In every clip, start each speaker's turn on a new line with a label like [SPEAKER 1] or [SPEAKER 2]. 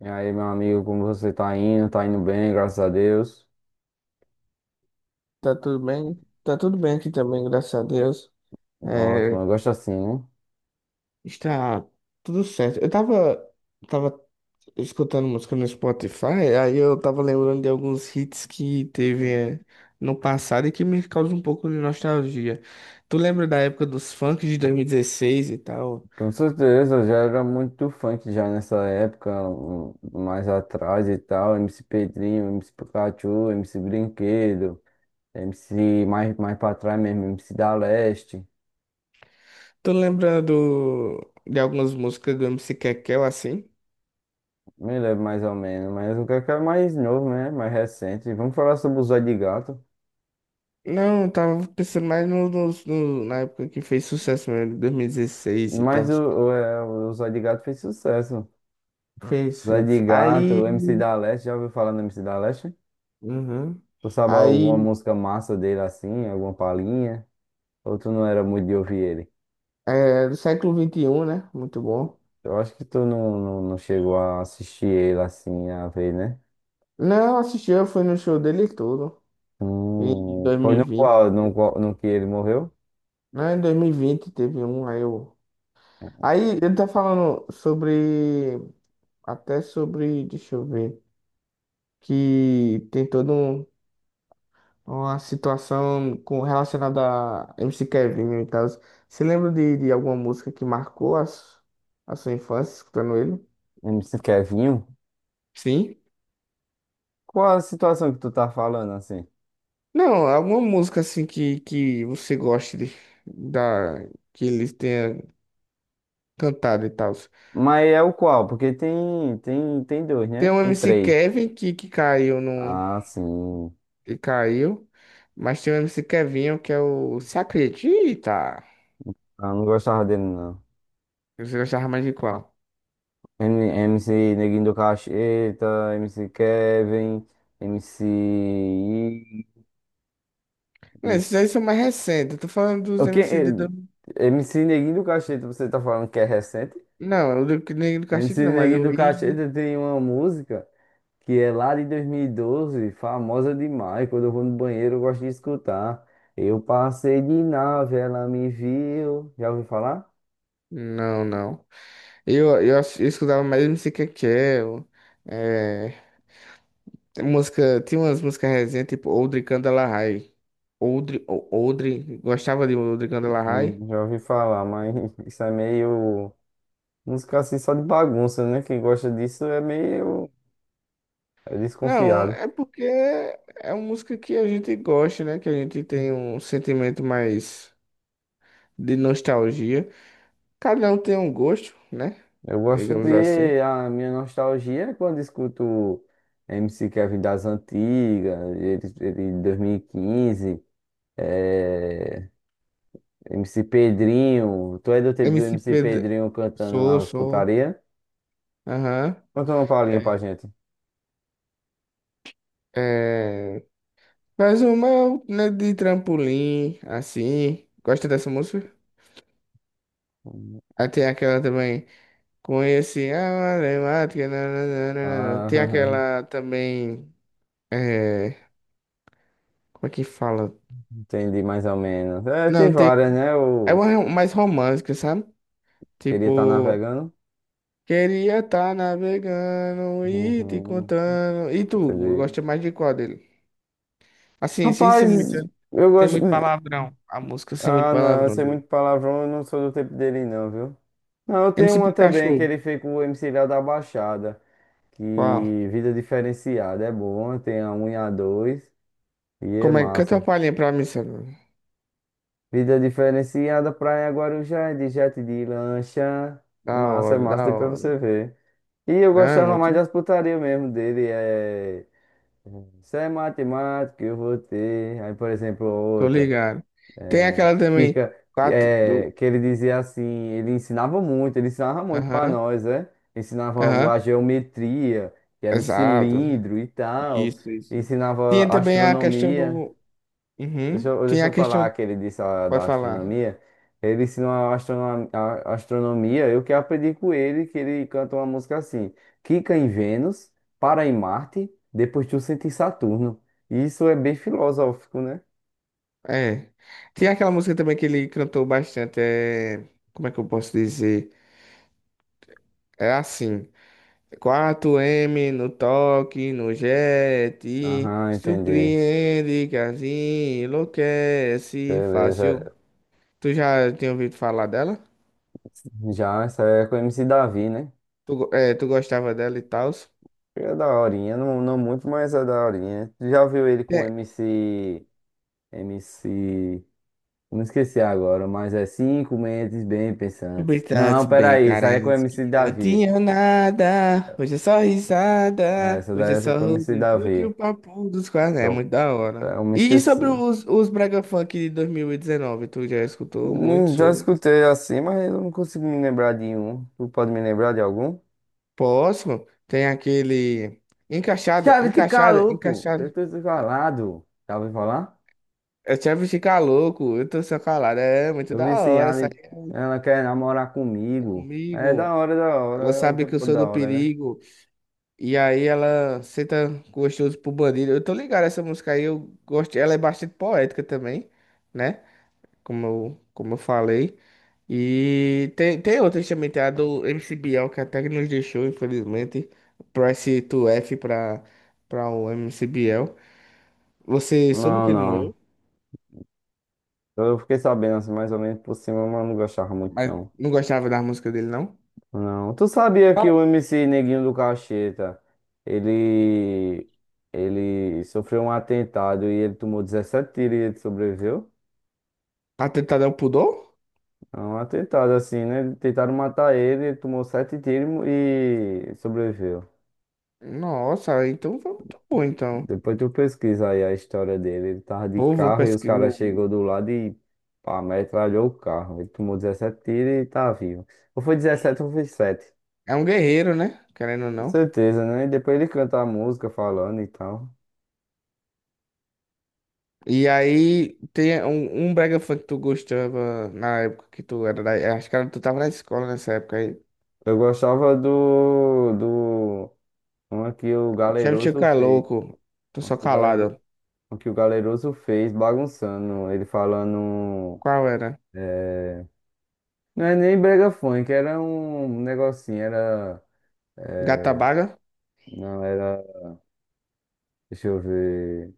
[SPEAKER 1] E aí, meu amigo, como você tá indo? Tá indo bem, graças a Deus.
[SPEAKER 2] Tá tudo bem? Tá tudo bem aqui também, graças a Deus.
[SPEAKER 1] Ótimo, eu
[SPEAKER 2] É,
[SPEAKER 1] gosto assim, né?
[SPEAKER 2] está tudo certo. Eu tava escutando música no Spotify, aí eu tava lembrando de alguns hits que teve, no passado e que me causam um pouco de nostalgia. Tu lembra da época dos funks de 2016 e tal?
[SPEAKER 1] Com certeza, eu já era muito funk já nessa época, mais atrás e tal. MC Pedrinho, MC Pikachu, MC Brinquedo, MC mais pra trás mesmo, MC da Leste.
[SPEAKER 2] Tu lembra de algumas músicas do MC Kekel assim?
[SPEAKER 1] Me lembro mais ou menos, mas o que é mais novo, né? Mais recente. Vamos falar sobre o Zóio de Gato.
[SPEAKER 2] Não, eu tava pensando mais na época que fez sucesso mesmo, 2016 e
[SPEAKER 1] Mas
[SPEAKER 2] tal.
[SPEAKER 1] o Zóio de Gato fez sucesso.
[SPEAKER 2] Fez,
[SPEAKER 1] Zóio
[SPEAKER 2] fez.
[SPEAKER 1] de Gato,
[SPEAKER 2] Aí.
[SPEAKER 1] o MC da Leste, já ouviu falar no MC da Leste?
[SPEAKER 2] Uhum.
[SPEAKER 1] Tu sabe alguma
[SPEAKER 2] Aí.
[SPEAKER 1] música massa dele assim, alguma palhinha? Ou tu não era muito de ouvir ele?
[SPEAKER 2] É, do século vinte e um, né? Muito bom.
[SPEAKER 1] Eu acho que tu não chegou a assistir ele assim, a ver, né?
[SPEAKER 2] Não, assisti, eu fui no show dele e tudo. Em dois mil
[SPEAKER 1] Foi
[SPEAKER 2] e
[SPEAKER 1] no
[SPEAKER 2] vinte
[SPEAKER 1] qual, no que ele morreu?
[SPEAKER 2] Não, em 2020 teve um, aí eu. Aí ele tá falando sobre. Até sobre. Deixa eu ver. Que tem todo um. Uma situação com relacionada a MC Kevin e tal. Você lembra de alguma música que marcou a sua infância escutando ele?
[SPEAKER 1] MC Kevinho?
[SPEAKER 2] Sim.
[SPEAKER 1] Qual a situação que tu tá falando assim?
[SPEAKER 2] Não, alguma música assim que você goste da, que eles tenham cantado e tal.
[SPEAKER 1] Mas é o qual? Porque tem dois,
[SPEAKER 2] Tem
[SPEAKER 1] né?
[SPEAKER 2] um
[SPEAKER 1] Tem
[SPEAKER 2] MC
[SPEAKER 1] três.
[SPEAKER 2] Kevin que caiu no.
[SPEAKER 1] Ah, sim.
[SPEAKER 2] Que caiu. Mas tem um MC Kevinho que é o Se Acredita.
[SPEAKER 1] Ah, não gostava dele, não.
[SPEAKER 2] Você gostava mais de qual?
[SPEAKER 1] MC Neguinho do Cacheta, MC Kevin, MC...
[SPEAKER 2] Não,
[SPEAKER 1] I,
[SPEAKER 2] esses aí são mais recentes. Eu tô falando dos
[SPEAKER 1] O que?
[SPEAKER 2] MC de.
[SPEAKER 1] MC Neguinho do Cacheta, você tá falando que é recente?
[SPEAKER 2] Não, o do que nem do Castilho
[SPEAKER 1] MC
[SPEAKER 2] não, mas
[SPEAKER 1] Neguinho
[SPEAKER 2] o
[SPEAKER 1] do
[SPEAKER 2] Ig.
[SPEAKER 1] Cacheta tem uma música que é lá de 2012, famosa demais. Quando eu vou no banheiro, eu gosto de escutar. Eu passei de nave, ela me viu. Já ouviu falar?
[SPEAKER 2] Não, não. Eu escutava mais MC Kekel. Tem música, tinha umas músicas recentes, tipo Oldri Candelahai. Oldri, gostava de Oldri Candelahai?
[SPEAKER 1] Já ouvi falar, mas isso é meio. Música assim só de bagunça, né? Quem gosta disso é meio
[SPEAKER 2] Não,
[SPEAKER 1] desconfiado.
[SPEAKER 2] é porque é uma música que a gente gosta, né? Que a gente tem um sentimento mais de nostalgia. Cada um tem um gosto, né?
[SPEAKER 1] Eu gosto
[SPEAKER 2] Digamos assim.
[SPEAKER 1] de. A minha nostalgia é quando escuto MC Kevin das antigas, ele de 2015, eh, MC Pedrinho. Tu é do tempo do
[SPEAKER 2] MC
[SPEAKER 1] MC
[SPEAKER 2] Pedro,
[SPEAKER 1] Pedrinho cantando
[SPEAKER 2] sou,
[SPEAKER 1] as
[SPEAKER 2] sou,
[SPEAKER 1] putaria?
[SPEAKER 2] aham.
[SPEAKER 1] Conta uma palhinha pra
[SPEAKER 2] É,
[SPEAKER 1] gente.
[SPEAKER 2] é, faz uma, né, de trampolim, assim. Gosta dessa música? Aí tem aquela também. Conheci a matemática, nananana.
[SPEAKER 1] Ah,
[SPEAKER 2] Tem aquela também. É, como é que fala?
[SPEAKER 1] entendi mais ou menos. É, tem
[SPEAKER 2] Não, tem.
[SPEAKER 1] várias, né?
[SPEAKER 2] É
[SPEAKER 1] Eu
[SPEAKER 2] uma mais romântica, sabe?
[SPEAKER 1] queria estar
[SPEAKER 2] Tipo,
[SPEAKER 1] navegando.
[SPEAKER 2] queria estar navegando e te
[SPEAKER 1] Uhum,
[SPEAKER 2] contando. E tu,
[SPEAKER 1] entendi.
[SPEAKER 2] gosta mais de qual dele? Assim, sem ser
[SPEAKER 1] Rapaz,
[SPEAKER 2] muito,
[SPEAKER 1] eu
[SPEAKER 2] sem
[SPEAKER 1] gosto.
[SPEAKER 2] muito palavrão. A música sem muito
[SPEAKER 1] Ah, não, eu
[SPEAKER 2] palavrão
[SPEAKER 1] sei
[SPEAKER 2] dele.
[SPEAKER 1] muito palavrão, eu não sou do tempo dele não, viu? Não, eu tenho
[SPEAKER 2] MC
[SPEAKER 1] uma também que
[SPEAKER 2] Pikachu.
[SPEAKER 1] ele fez com o MC Léo da Baixada, que
[SPEAKER 2] Qual?
[SPEAKER 1] Vida Diferenciada é bom, tem a um e a dois e é
[SPEAKER 2] Como é? Canta uma
[SPEAKER 1] massa.
[SPEAKER 2] palhinha pra mim, Sandro.
[SPEAKER 1] Vida Diferenciada, Praia Guarujá, é de jet de lancha,
[SPEAKER 2] Da
[SPEAKER 1] massa, é
[SPEAKER 2] hora,
[SPEAKER 1] massa,
[SPEAKER 2] da
[SPEAKER 1] depois
[SPEAKER 2] hora.
[SPEAKER 1] você vê. E eu
[SPEAKER 2] Não, é
[SPEAKER 1] gostava mais
[SPEAKER 2] muito.
[SPEAKER 1] das putarias mesmo dele. Isso é matemática, eu vou ter. Aí, por exemplo,
[SPEAKER 2] Tô
[SPEAKER 1] outra.
[SPEAKER 2] ligado. Tem aquela
[SPEAKER 1] Que,
[SPEAKER 2] também,
[SPEAKER 1] ca- que,
[SPEAKER 2] quatro
[SPEAKER 1] é,
[SPEAKER 2] do.
[SPEAKER 1] que ele dizia assim, ele ensinava muito para
[SPEAKER 2] Aham,
[SPEAKER 1] nós, né? Ensinava
[SPEAKER 2] aham,
[SPEAKER 1] a geometria, que era um
[SPEAKER 2] exato.
[SPEAKER 1] cilindro e tal,
[SPEAKER 2] Isso, isso.
[SPEAKER 1] ensinava
[SPEAKER 2] Tinha também a questão
[SPEAKER 1] astronomia.
[SPEAKER 2] do.
[SPEAKER 1] Deixa
[SPEAKER 2] Uhum.
[SPEAKER 1] eu,
[SPEAKER 2] Tinha
[SPEAKER 1] deixa
[SPEAKER 2] a
[SPEAKER 1] eu falar
[SPEAKER 2] questão.
[SPEAKER 1] que ele disse da
[SPEAKER 2] Pode falar.
[SPEAKER 1] astronomia. Ele ensinou a astronomia, eu que aprendi com ele, que ele canta uma música assim, Quica em Vênus, para em Marte, depois tu sente em Saturno. Isso é bem filosófico, né?
[SPEAKER 2] É. Tinha aquela música também que ele cantou bastante. Como é que eu posso dizer? É assim. Quatro m no toque, no jet.
[SPEAKER 1] Aham, entendi.
[SPEAKER 2] Surpreende, casinha, enlouquece, fácil.
[SPEAKER 1] Beleza.
[SPEAKER 2] Tu já tinha ouvido falar dela?
[SPEAKER 1] Já, essa é com o MC Davi, né?
[SPEAKER 2] Tu gostava dela e tal?
[SPEAKER 1] É da horinha, não, não muito, mas é da horinha. Tu já viu ele com o
[SPEAKER 2] É,
[SPEAKER 1] MC. MC. Não esqueci agora, mas é cinco mentes bem pensantes.
[SPEAKER 2] brincantes
[SPEAKER 1] Não,
[SPEAKER 2] bem
[SPEAKER 1] peraí, isso aí é com o
[SPEAKER 2] carentes que
[SPEAKER 1] MC
[SPEAKER 2] não
[SPEAKER 1] Davi.
[SPEAKER 2] tinham nada. Hoje é só
[SPEAKER 1] É,
[SPEAKER 2] risada.
[SPEAKER 1] essa
[SPEAKER 2] Hoje é
[SPEAKER 1] daí essa é
[SPEAKER 2] só
[SPEAKER 1] com o MC
[SPEAKER 2] rodeio de
[SPEAKER 1] Davi.
[SPEAKER 2] um papo dos quase. É
[SPEAKER 1] Eu,
[SPEAKER 2] muito da hora.
[SPEAKER 1] eu me
[SPEAKER 2] E
[SPEAKER 1] esqueci.
[SPEAKER 2] sobre os Brega Funk de 2019? Tu já escutou muito
[SPEAKER 1] Já
[SPEAKER 2] sobre?
[SPEAKER 1] escutei assim, mas eu não consigo me lembrar de um. Tu pode me lembrar de algum?
[SPEAKER 2] Próximo, tem aquele. Encaixada,
[SPEAKER 1] Chave de
[SPEAKER 2] encaixada,
[SPEAKER 1] caroco! Eu
[SPEAKER 2] encaixada.
[SPEAKER 1] tô desvalado. Já ouviu falar?
[SPEAKER 2] Eu te aviso ficar louco, eu tô só calado. É muito
[SPEAKER 1] Eu
[SPEAKER 2] da hora,
[SPEAKER 1] viciado,
[SPEAKER 2] sai
[SPEAKER 1] e ela quer namorar comigo. É
[SPEAKER 2] comigo.
[SPEAKER 1] da hora,
[SPEAKER 2] Ela
[SPEAKER 1] é um
[SPEAKER 2] sabe que eu
[SPEAKER 1] tempo
[SPEAKER 2] sou do
[SPEAKER 1] da hora, né?
[SPEAKER 2] perigo. E aí ela senta gostoso pro bandido. Eu tô ligado essa música aí, eu gosto. Ela é bastante poética também, né? Como eu falei. E tem outras também, tem a do MC Bial, que até que nos deixou, infelizmente. Price to F pra, o MC Biel. Você soube
[SPEAKER 1] Não,
[SPEAKER 2] que ele
[SPEAKER 1] não.
[SPEAKER 2] morreu?
[SPEAKER 1] Eu fiquei sabendo assim, mais ou menos por cima, mas não gostava muito,
[SPEAKER 2] Mas
[SPEAKER 1] não.
[SPEAKER 2] não gostava da música dele, não?
[SPEAKER 1] Não. Tu sabia que
[SPEAKER 2] Ah,
[SPEAKER 1] o MC Neguinho do Cacheta, ele, ele sofreu um atentado e ele tomou 17 tiros e ele sobreviveu?
[SPEAKER 2] atentado ao pudor?
[SPEAKER 1] É um atentado assim, né? Tentaram matar ele, ele tomou 7 tiros e sobreviveu.
[SPEAKER 2] Nossa, então foi muito bom, então.
[SPEAKER 1] Depois tu pesquisa aí a história dele. Ele tava de
[SPEAKER 2] Pô, vou
[SPEAKER 1] carro e os
[SPEAKER 2] pesquisar.
[SPEAKER 1] caras chegou do lado e pá, metralhou o carro. Ele tomou dezessete tiros e tá vivo. Ou foi 17 ou foi sete.
[SPEAKER 2] É um guerreiro, né? Querendo ou
[SPEAKER 1] Com
[SPEAKER 2] não.
[SPEAKER 1] certeza, né? E depois ele canta a música falando e tal.
[SPEAKER 2] E aí tem um brega funk que tu gostava na época que tu era da, acho que tu tava na escola nessa época aí.
[SPEAKER 1] Eu gostava do uma que o
[SPEAKER 2] Sempre tinha
[SPEAKER 1] Galeroso
[SPEAKER 2] que é
[SPEAKER 1] fez.
[SPEAKER 2] louco, tô
[SPEAKER 1] Uma
[SPEAKER 2] só
[SPEAKER 1] que o
[SPEAKER 2] calado.
[SPEAKER 1] uma que o Galeroso fez bagunçando. Ele falando.
[SPEAKER 2] Qual era?
[SPEAKER 1] é, Não é nem brega funk, era um negocinho, era.
[SPEAKER 2] Gata
[SPEAKER 1] é,
[SPEAKER 2] Baga?
[SPEAKER 1] Não, era. Deixa eu ver.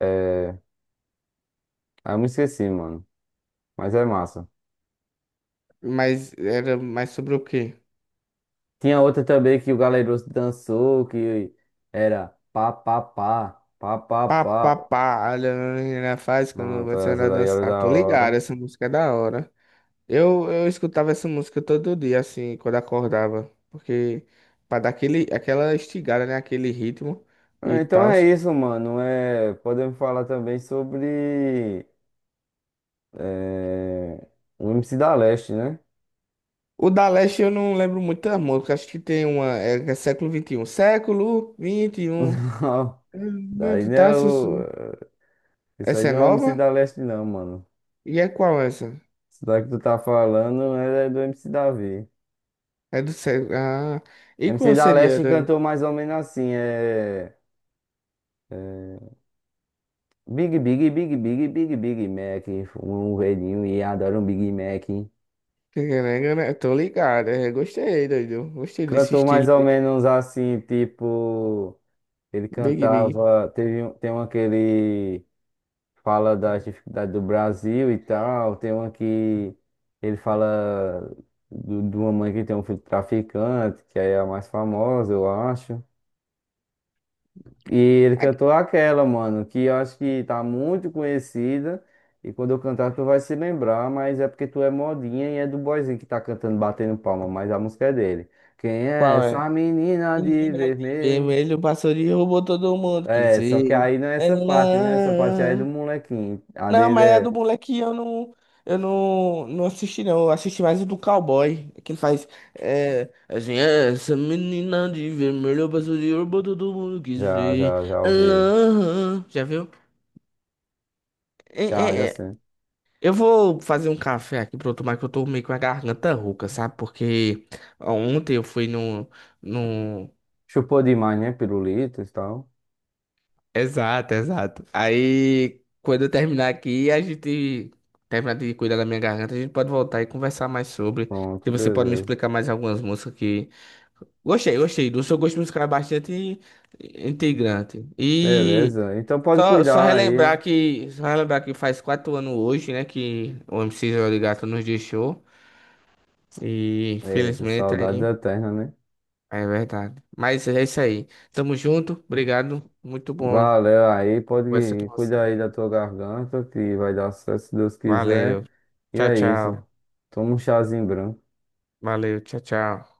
[SPEAKER 1] É... Ah, eu me esqueci, mano. Mas é massa.
[SPEAKER 2] Mas era mais sobre o quê?
[SPEAKER 1] Tinha outra também que o Galeroso dançou, que era pá, pá, pá, pá, pá,
[SPEAKER 2] Pá, pá,
[SPEAKER 1] pá.
[SPEAKER 2] pá, olha a menina faz quando
[SPEAKER 1] Pronto,
[SPEAKER 2] você
[SPEAKER 1] essa
[SPEAKER 2] anda a
[SPEAKER 1] daí era
[SPEAKER 2] dançar.
[SPEAKER 1] da
[SPEAKER 2] Tô ligado,
[SPEAKER 1] hora.
[SPEAKER 2] essa música é da hora. Eu escutava essa música todo dia, assim, quando acordava. Porque pra dar aquele, aquela estigada, né? Aquele ritmo e
[SPEAKER 1] Ah, então
[SPEAKER 2] tal.
[SPEAKER 1] é isso, mano. Podemos falar também sobre é... o MC da Leste, né?
[SPEAKER 2] O da Leste eu não lembro muita música. Acho que tem uma. É, que é século vinte e um. Século vinte
[SPEAKER 1] Não, daí
[SPEAKER 2] XXI.
[SPEAKER 1] não
[SPEAKER 2] Tá,
[SPEAKER 1] é
[SPEAKER 2] Sussu.
[SPEAKER 1] o... Isso aí
[SPEAKER 2] Essa é
[SPEAKER 1] não é o MC
[SPEAKER 2] nova?
[SPEAKER 1] da Leste, não, mano.
[SPEAKER 2] E é qual essa?
[SPEAKER 1] Isso daí que tu tá falando né, é do MC Davi.
[SPEAKER 2] É do século. Ah, e
[SPEAKER 1] MC
[SPEAKER 2] qual
[SPEAKER 1] da
[SPEAKER 2] seria?
[SPEAKER 1] Leste cantou mais ou menos assim, é, Big, Big, Big, Big, Big, Big Mac, um velhinho e adoro um Big Mac.
[SPEAKER 2] Tô ligado. Gostei, doido. Gostei desse
[SPEAKER 1] Cantou mais
[SPEAKER 2] estilo
[SPEAKER 1] ou
[SPEAKER 2] de
[SPEAKER 1] menos assim, tipo... Ele
[SPEAKER 2] Big Big.
[SPEAKER 1] cantava... Teve, tem uma que ele fala das dificuldades do Brasil e tal, tem uma que ele fala de uma mãe que tem um filho traficante, que aí é a mais famosa, eu acho. E ele
[SPEAKER 2] É,
[SPEAKER 1] cantou aquela, mano, que eu acho que tá muito conhecida. E quando eu cantar, tu vai se lembrar, mas é porque tu é modinha e é do boyzinho que tá cantando, batendo palma, mas a música é dele. Quem é
[SPEAKER 2] qual
[SPEAKER 1] essa
[SPEAKER 2] é?
[SPEAKER 1] menina de
[SPEAKER 2] Menina de
[SPEAKER 1] vermelho?
[SPEAKER 2] vermelho passou de roubou todo mundo que
[SPEAKER 1] É, só que
[SPEAKER 2] se.
[SPEAKER 1] aí não é essa parte, né? Essa parte aí é do molequinho. A
[SPEAKER 2] Não,
[SPEAKER 1] dele
[SPEAKER 2] mas a do
[SPEAKER 1] é.
[SPEAKER 2] moleque eu não, não assisti não. Eu assisti mais o do cowboy, que ele faz assim, "É, essa menina de vermelho passou de ouro, todo mundo quis
[SPEAKER 1] Já,
[SPEAKER 2] ver.
[SPEAKER 1] já, já ouvi.
[SPEAKER 2] Ah, já viu? É,
[SPEAKER 1] Já, já
[SPEAKER 2] é, é.
[SPEAKER 1] sei.
[SPEAKER 2] Eu vou fazer um café aqui pra eu tomar, que eu tô meio com a garganta rouca, sabe? Porque ontem eu fui no.
[SPEAKER 1] Chupou demais, né? Pirulitos e tal.
[SPEAKER 2] Exato, exato. Aí, quando eu terminar aqui, a gente terminar de cuidar da minha garganta, a gente pode voltar e conversar mais sobre. Se
[SPEAKER 1] Pronto,
[SPEAKER 2] você pode me
[SPEAKER 1] beleza.
[SPEAKER 2] explicar mais algumas músicas que. Gostei, gostei. Do seu gosto musical é bastante integrante. E
[SPEAKER 1] Beleza. Então pode
[SPEAKER 2] só
[SPEAKER 1] cuidar aí.
[SPEAKER 2] relembrar que. Só relembrar que faz 4 anos hoje, né? Que o MC Joel de Gato nos deixou. E
[SPEAKER 1] Eita,
[SPEAKER 2] infelizmente
[SPEAKER 1] saudades
[SPEAKER 2] aí.
[SPEAKER 1] eternas, né?
[SPEAKER 2] É verdade. Mas é isso aí. Tamo junto. Obrigado. Muito bom
[SPEAKER 1] Valeu aí,
[SPEAKER 2] conversar com
[SPEAKER 1] pode
[SPEAKER 2] você.
[SPEAKER 1] cuidar aí da tua garganta, que vai dar sucesso se Deus
[SPEAKER 2] Valeu.
[SPEAKER 1] quiser. E
[SPEAKER 2] Tchau,
[SPEAKER 1] é isso.
[SPEAKER 2] tchau.
[SPEAKER 1] Toma um chazinho branco.
[SPEAKER 2] Valeu, tchau, tchau.